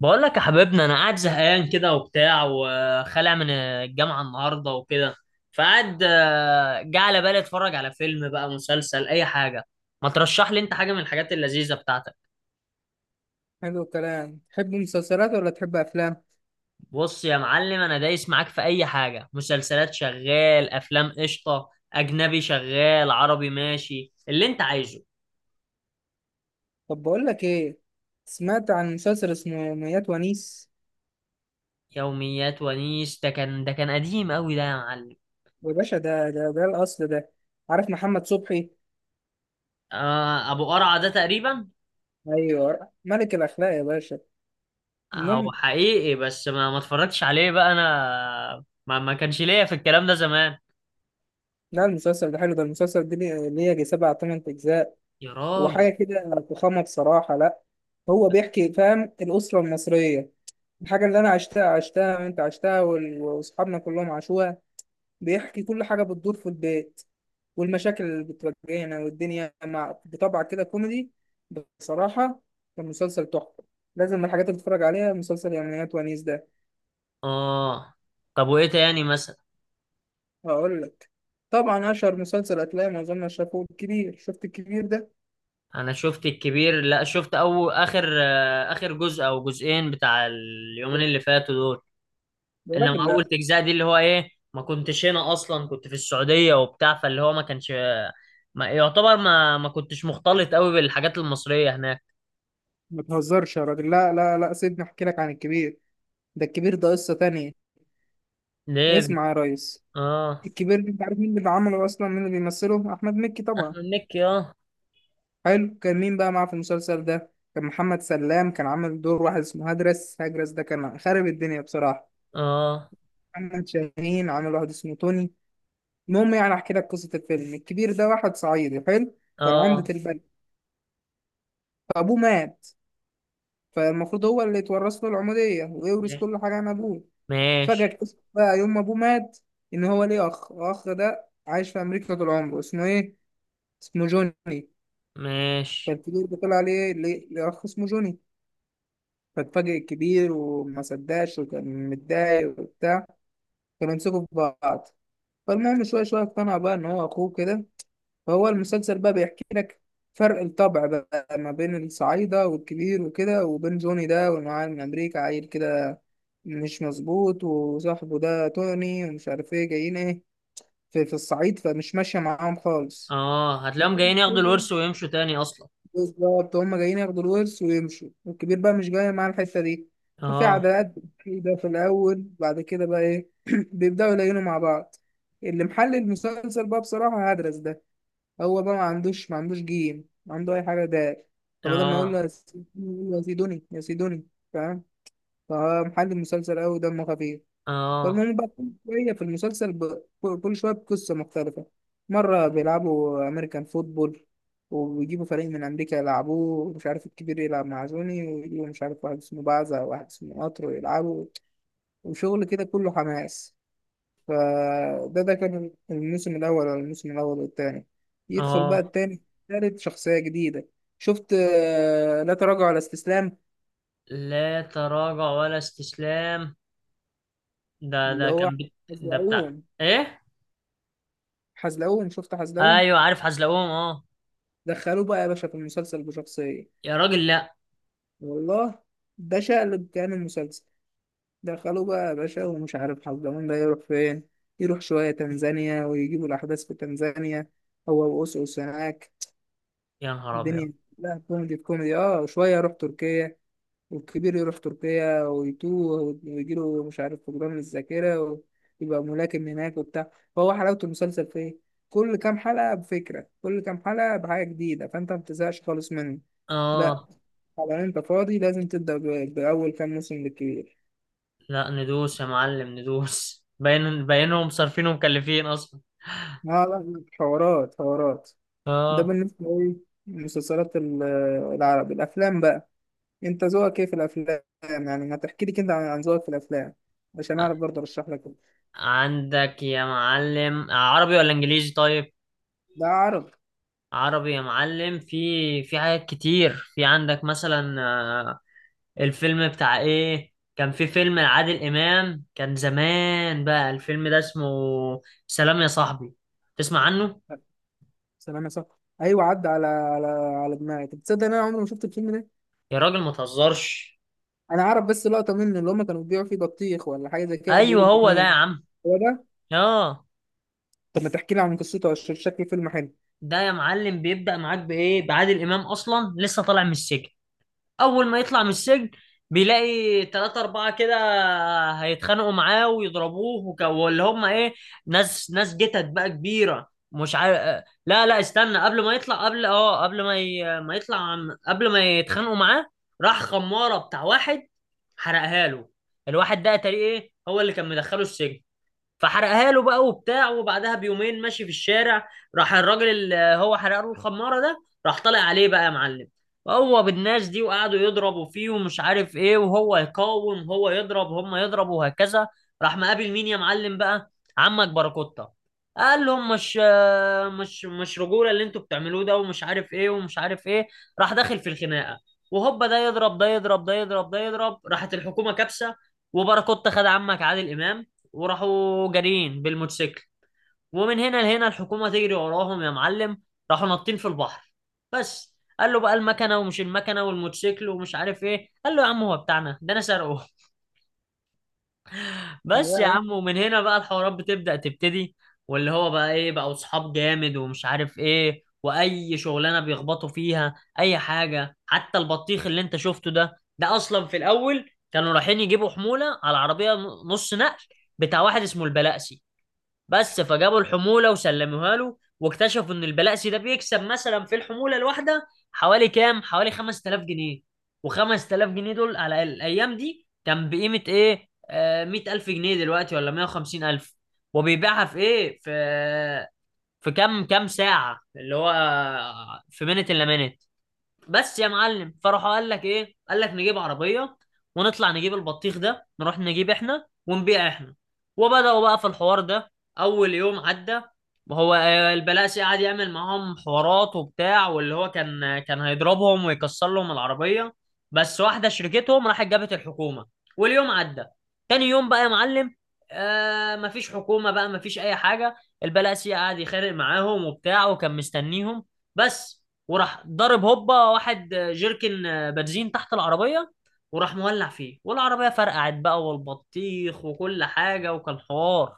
بقول لك يا حبيبنا، انا قاعد زهقان كده وبتاع وخالع من الجامعه النهارده وكده. فقعد جه على بالي اتفرج على فيلم، بقى مسلسل اي حاجه. ما ترشح لي انت حاجه من الحاجات اللذيذه بتاعتك. حلو الكلام. تحب مسلسلات ولا تحب افلام؟ بص يا معلم، انا دايس معاك في اي حاجه. مسلسلات شغال، افلام قشطه، اجنبي شغال، عربي ماشي، اللي انت عايزه. طب بقول لك ايه. سمعت عن مسلسل اسمه ميات ونيس. يوميات ونيس ده كان قديم قوي ده يا معلم. يا باشا ده الاصل ده. عارف محمد صبحي؟ آه ابو قرعه ده تقريبا. ايوه ملك الاخلاق يا باشا. هو المهم، حقيقي بس ما اتفرجتش عليه بقى. انا ما كانش ليا في الكلام ده زمان. لا المسلسل ده حلو، ده المسلسل ده ليه يجي سبع تمن اجزاء يا وحاجه راجل. كده فخامه بصراحه. لا، هو بيحكي، فاهم، الاسره المصريه، الحاجه اللي انا عشتها وانت عشتها واصحابنا كلهم عاشوها. بيحكي كل حاجه بتدور في البيت، والمشاكل اللي بتواجهنا والدنيا، مع بطبع كده كوميدي بصراحة. كان مسلسل تحفة. لازم من الحاجات اللي تتفرج عليها مسلسل يوميات ونيس ده. اه. طب وايه تاني مثلا؟ هقول لك. طبعا أشهر مسلسل هتلاقي معظمنا شافوه الكبير. شفت الكبير ده؟ انا شفت الكبير. لا شفت او اخر، اخر جزء او جزئين بتاع اليومين اللي فاتوا دول. يا انما راجل اول لا، تجزاء دي اللي هو ايه، ما كنتش هنا اصلا، كنت في السعودية وبتاع، فاللي هو ما كانش، ما يعتبر ما كنتش مختلط قوي بالحاجات المصرية هناك. ما تهزرش. يا راجل، لا لا لا، سيبني أحكي لك عن الكبير. ده الكبير ده قصة تانية. ليه بك- اسمع يا ريس. اه. الكبير ده، أنت عارف مين اللي عمله أصلا، مين اللي بيمثله؟ أحمد مكي طبعا. احمد مكي اه. حلو. كان مين بقى معاه في المسلسل ده؟ كان محمد سلام، كان عامل دور واحد اسمه هدرس هجرس، ده كان خارب الدنيا بصراحة. اه. محمد شاهين عامل واحد اسمه توني. المهم، يعني احكي لك قصة الفيلم. الكبير ده واحد صعيدي حلو، كان عمدة اه. البلد. فابوه مات، فالمفروض هو اللي يتورث له العمودية ويورث كل حاجة عن ابوه. فجأة ماشي. اكتشف بقى يوم ما ابوه مات ان هو ليه اخ. الاخ ده عايش في امريكا طول عمره، اسمه ايه؟ اسمه جوني. ماشي. فالكبير ده طلع عليه ليه اخ اسمه جوني. فاتفاجئ الكبير وما صدقش وكان متضايق وبتاع. كانوا يمسكوا في بعض. فالمهم شوية شوية اقتنع بقى إن هو أخوه كده. فهو المسلسل بقى بيحكي لك فرق الطبع بقى ما بين الصعايدة والكبير وكده، وبين جوني ده واللي معاه من أمريكا، عيل كده مش مظبوط، وصاحبه ده توني، ومش عارف ايه جايين ايه في الصعيد، فمش ماشية معاهم خالص. اه هتلاقيهم جايين ياخدوا الورث ويمشوا تاني اصلا. بالظبط، هم جايين ياخدوا الورث ويمشوا، والكبير بقى مش جاي معاه الحتة دي. ففي اه. عداءات كده في الأول، بعد كده بقى إيه بيبدأوا يلاقينوا مع بعض. اللي محل المسلسل بقى بصراحة هدرس ده. هو بقى ما عندوش جيم، ما عنده أي حاجة ده. فبدل ما يقول اه. له يا سيدوني يقول له يا سيدوني يا سيدوني، فاهم؟ فمحل المسلسل أوي، دمه خفيف. اه. فالمهم بقى، كل شوية في المسلسل ب... كل شوية بقصة مختلفة. مرة بيلعبوا أمريكان فوتبول، وبيجيبوا فريق من أمريكا يلعبوه، ومش عارف الكبير يلعب مع زوني، ويجيبوا مش عارف واحد اسمه بعزة وواحد اسمه قطر ويلعبوا. وشغل كده كله حماس. فده كان الموسم الأول، ولا الموسم الأول والتاني. يدخل بقى اه. التاني، تالت شخصية جديدة. شفت لا تراجع ولا استسلام؟ لا تراجع ولا استسلام. ده اللي ده هو كان ده بتاع. حزلقوم. ايه. حزلقوم، شفت حزلقوم. ايوه عارف حزلقوم اه. دخلوه بقى يا باشا في المسلسل بشخصية. يا راجل لا. والله، ده شقلب كان المسلسل. دخلوه بقى يا باشا، ومش عارف حضرموت ده يروح فين. يروح شوية تنزانيا، ويجيبوا الأحداث في تنزانيا، هو وأوسوس هناك. يا نهار ابيض. الدنيا لا، كوميدي في كوميدي. اه، وشوية يروح تركيا. والكبير يروح تركيا ويتوه ويجيله مش عارف فقدان الذاكرة، ويبقى ملاكم هناك وبتاع. فهو حلاوة المسلسل في إيه؟ كل كام حلقة بفكرة، كل كام حلقة بحاجة جديدة، فأنت ما بتزهقش خالص منه. لا، اه. طبعا انت فاضي، لازم تبدأ بأول كام موسم بالكبير. لا ندوس يا معلم، ندوس، باين باينهم صارفين ومكلفين اصلا. لا لا، حوارات حوارات. ده اه. بالنسبة ايه، المسلسلات ال- العربي. الأفلام بقى، انت ذوقك ايه في الأفلام؟ يعني هتحكي لي كده عن عن ذوقك في الأفلام عشان أعرف ع- برضه أرشح لك. عندك يا معلم عربي ولا انجليزي؟ طيب ده عربي. عربي يا معلم. في حاجات كتير. في عندك مثلا، الفيلم بتاع ايه، كان في فيلم لعادل امام كان زمان، بقى الفيلم ده اسمه سلام يا صاحبي، تسمع عنه؟ سلام يا صاحبي، أيوة عدى على على دماغي. طب تصدق إن أنا عمري ما شفت الفيلم ده؟ يا راجل ما تهزرش. أنا أعرف بس لقطة منه، اللي هما كانوا بيبيعوا فيه بطيخ ولا حاجة زي كده، بيقولوا ايوه هو ده يا باتنين. عم. هو ده. اه. طب ما تحكي لي عن قصته عشان شكله فيلم حلو. ده يا معلم بيبدأ معاك بايه؟ بعادل امام اصلا لسه طالع من السجن. اول ما يطلع من السجن بيلاقي تلاتة أربعة كده هيتخانقوا معاه ويضربوه، واللي هم إيه، ناس ناس جتت بقى كبيرة، مش عارف. لا لا استنى، قبل ما يطلع، قبل اه قبل ما يطلع قبل ما يتخانقوا معاه راح خمارة بتاع واحد حرقها له. الواحد ده تقريبا إيه، هو اللي كان مدخله السجن. فحرقها له بقى وبتاع. وبعدها بيومين ماشي في الشارع، راح الراجل اللي هو حرق له الخماره ده راح طالع عليه بقى يا معلم هو بالناس دي، وقعدوا يضربوا فيه ومش عارف ايه، وهو يقاوم، هو يضرب هم يضربوا وهكذا. راح مقابل مين يا معلم بقى؟ عمك باراكوتا. قال لهم مش رجوله اللي انتوا بتعملوه ده، ومش عارف ايه ومش عارف ايه. راح داخل في الخناقه. وهوبا ده يضرب ده يضرب ده يضرب ده يضرب، راحت الحكومه كابسه. وباراكوتا خد عمك عادل امام وراحوا جارين بالموتوسيكل، ومن هنا لهنا الحكومة تجري وراهم يا معلم. راحوا ناطين في البحر. بس قال له بقى المكنة ومش المكنة والموتوسيكل ومش عارف ايه، قال له يا عم هو بتاعنا ده، انا سارقه. بس يا يا، عم. ومن هنا بقى الحوارات بتبدأ تبتدي. واللي هو بقى ايه، بقى اصحاب جامد ومش عارف ايه، واي شغلانة بيخبطوا فيها اي حاجة. حتى البطيخ اللي انت شفته ده، ده اصلا في الاول كانوا رايحين يجيبوا حمولة على عربية نص نقل بتاع واحد اسمه البلقسي. بس فجابوا الحمولة وسلموها له، واكتشفوا ان البلاسي ده بيكسب مثلا في الحمولة الواحدة حوالي كام؟ حوالي 5000 جنيه. و5000 جنيه دول على الايام دي كان بقيمة ايه؟ آه 100000 جنيه دلوقتي ولا 150000. وبيبيعها في ايه؟ في كام كام ساعة اللي هو، في منت الا منت. بس يا معلم. فراح قال لك ايه؟ قال لك نجيب عربيه ونطلع نجيب البطيخ ده، نروح نجيب احنا ونبيع احنا. وبداوا بقى في الحوار ده. اول يوم عدى وهو البلاسي قعد يعمل معاهم حوارات وبتاع، واللي هو كان هيضربهم ويكسر لهم العربيه بس، واحده شركتهم راحت جابت الحكومه واليوم عدى. تاني يوم بقى يا معلم آه مفيش حكومه بقى، مفيش اي حاجه. البلاسي قعد يخرق معاهم وبتاع وكان مستنيهم بس، وراح ضرب هوبا واحد جيركن بنزين تحت العربية وراح مولع فيه والعربية فرقعت بقى والبطيخ وكل حاجة، وكان حوار.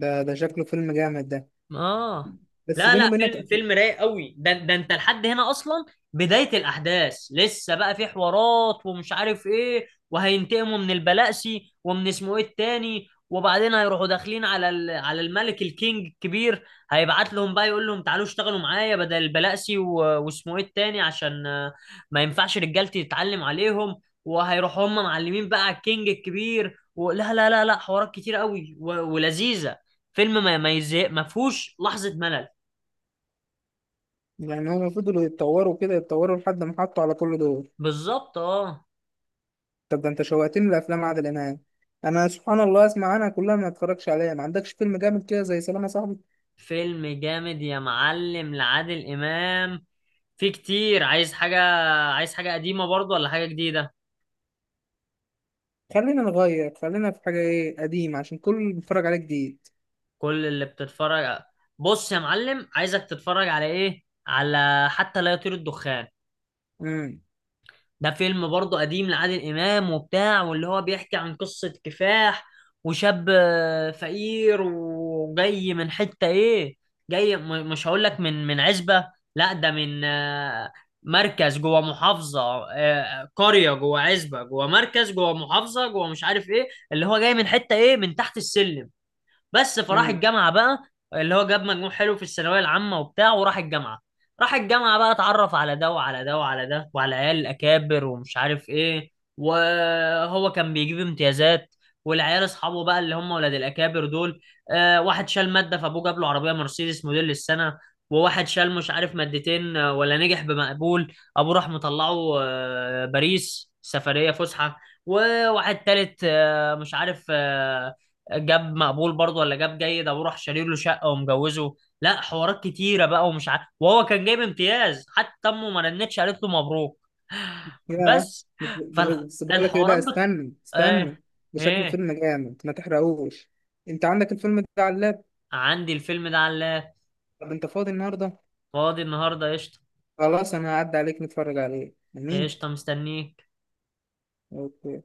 ده شكله فيلم جامد ده، اه. بس لا بيني لا، وبينك. فيلم رايق قوي ده. ده انت لحد هنا اصلا بداية الاحداث، لسه بقى في حوارات ومش عارف ايه، وهينتقموا من البلاسي ومن اسمه ايه التاني، وبعدين هيروحوا داخلين على على الملك الكينج الكبير. هيبعت لهم بقى يقول لهم تعالوا اشتغلوا معايا بدل البلاسي واسمه ايه التاني عشان ما ينفعش رجالتي تتعلم عليهم. وهيروحوا هم معلمين بقى على الكينج الكبير. ولا لا لا لا لا، حوارات كتير قوي ولذيذة. فيلم ما يزهق، ما فيهوش لحظة ملل. يعني هم فضلوا يتطوروا كده، يتطوروا لحد ما حطوا على كل دول؟ بالظبط اه. طب ده انت شوقتني لافلام عادل امام. انا سبحان الله اسمع عنها كلها ما اتفرجش عليها. ما عندكش فيلم جامد كده زي سلام يا صاحبي؟ فيلم جامد يا معلم لعادل إمام. في كتير. عايز حاجة، عايز حاجة قديمة برضو ولا حاجة جديدة؟ خلينا نغير، خلينا في حاجه ايه قديمه عشان كل اللي بيتفرج عليه جديد. كل اللي بتتفرج. بص يا معلم عايزك تتفرج على ايه؟ على حتى لا يطير الدخان. امم ده فيلم برضه قديم لعادل إمام وبتاع، واللي هو بيحكي عن قصة كفاح. وشاب فقير وجاي من حتة إيه، جاي مش هقول لك، من عزبة. لا ده من، مركز جوه محافظة. قرية جوه عزبة جوه مركز جوه محافظة جوه مش عارف إيه، اللي هو جاي من حتة إيه، من تحت السلم بس. فراح امم الجامعه بقى اللي هو جاب مجموع حلو في الثانويه العامه وبتاع وراح الجامعه. راح الجامعه بقى اتعرف على ده وعلى ده وعلى ده وعلى عيال الاكابر ومش عارف ايه، وهو كان بيجيب امتيازات والعيال اصحابه بقى اللي هم ولاد الاكابر دول. آه واحد شال ماده فابوه جاب له عربيه مرسيدس موديل السنه، وواحد شال مش عارف مادتين، ولا نجح بمقبول ابوه راح مطلعه، باريس سفريه فسحه. وواحد تالت مش عارف، جاب مقبول برضه ولا جاب جيد ابوه راح شاري له شقه ومجوزه. لا حوارات كتيره بقى ومش عارف، وهو كان جايب امتياز حتى امه ما رنتش قالت له مبروك. يا، بس. بس بقول لك ايه، ده فالحوارات استنى استنى. ايه. ده شكل ايه. فيلم جامد ما تحرقوش. انت عندك الفيلم ده على اللاب؟ عندي الفيلم ده على اللاب. طب انت فاضي النهارده؟ فاضي النهارده قشطه. خلاص، انا هعدي عليك نتفرج عليه. امين. قشطه مستنيه. اوكي.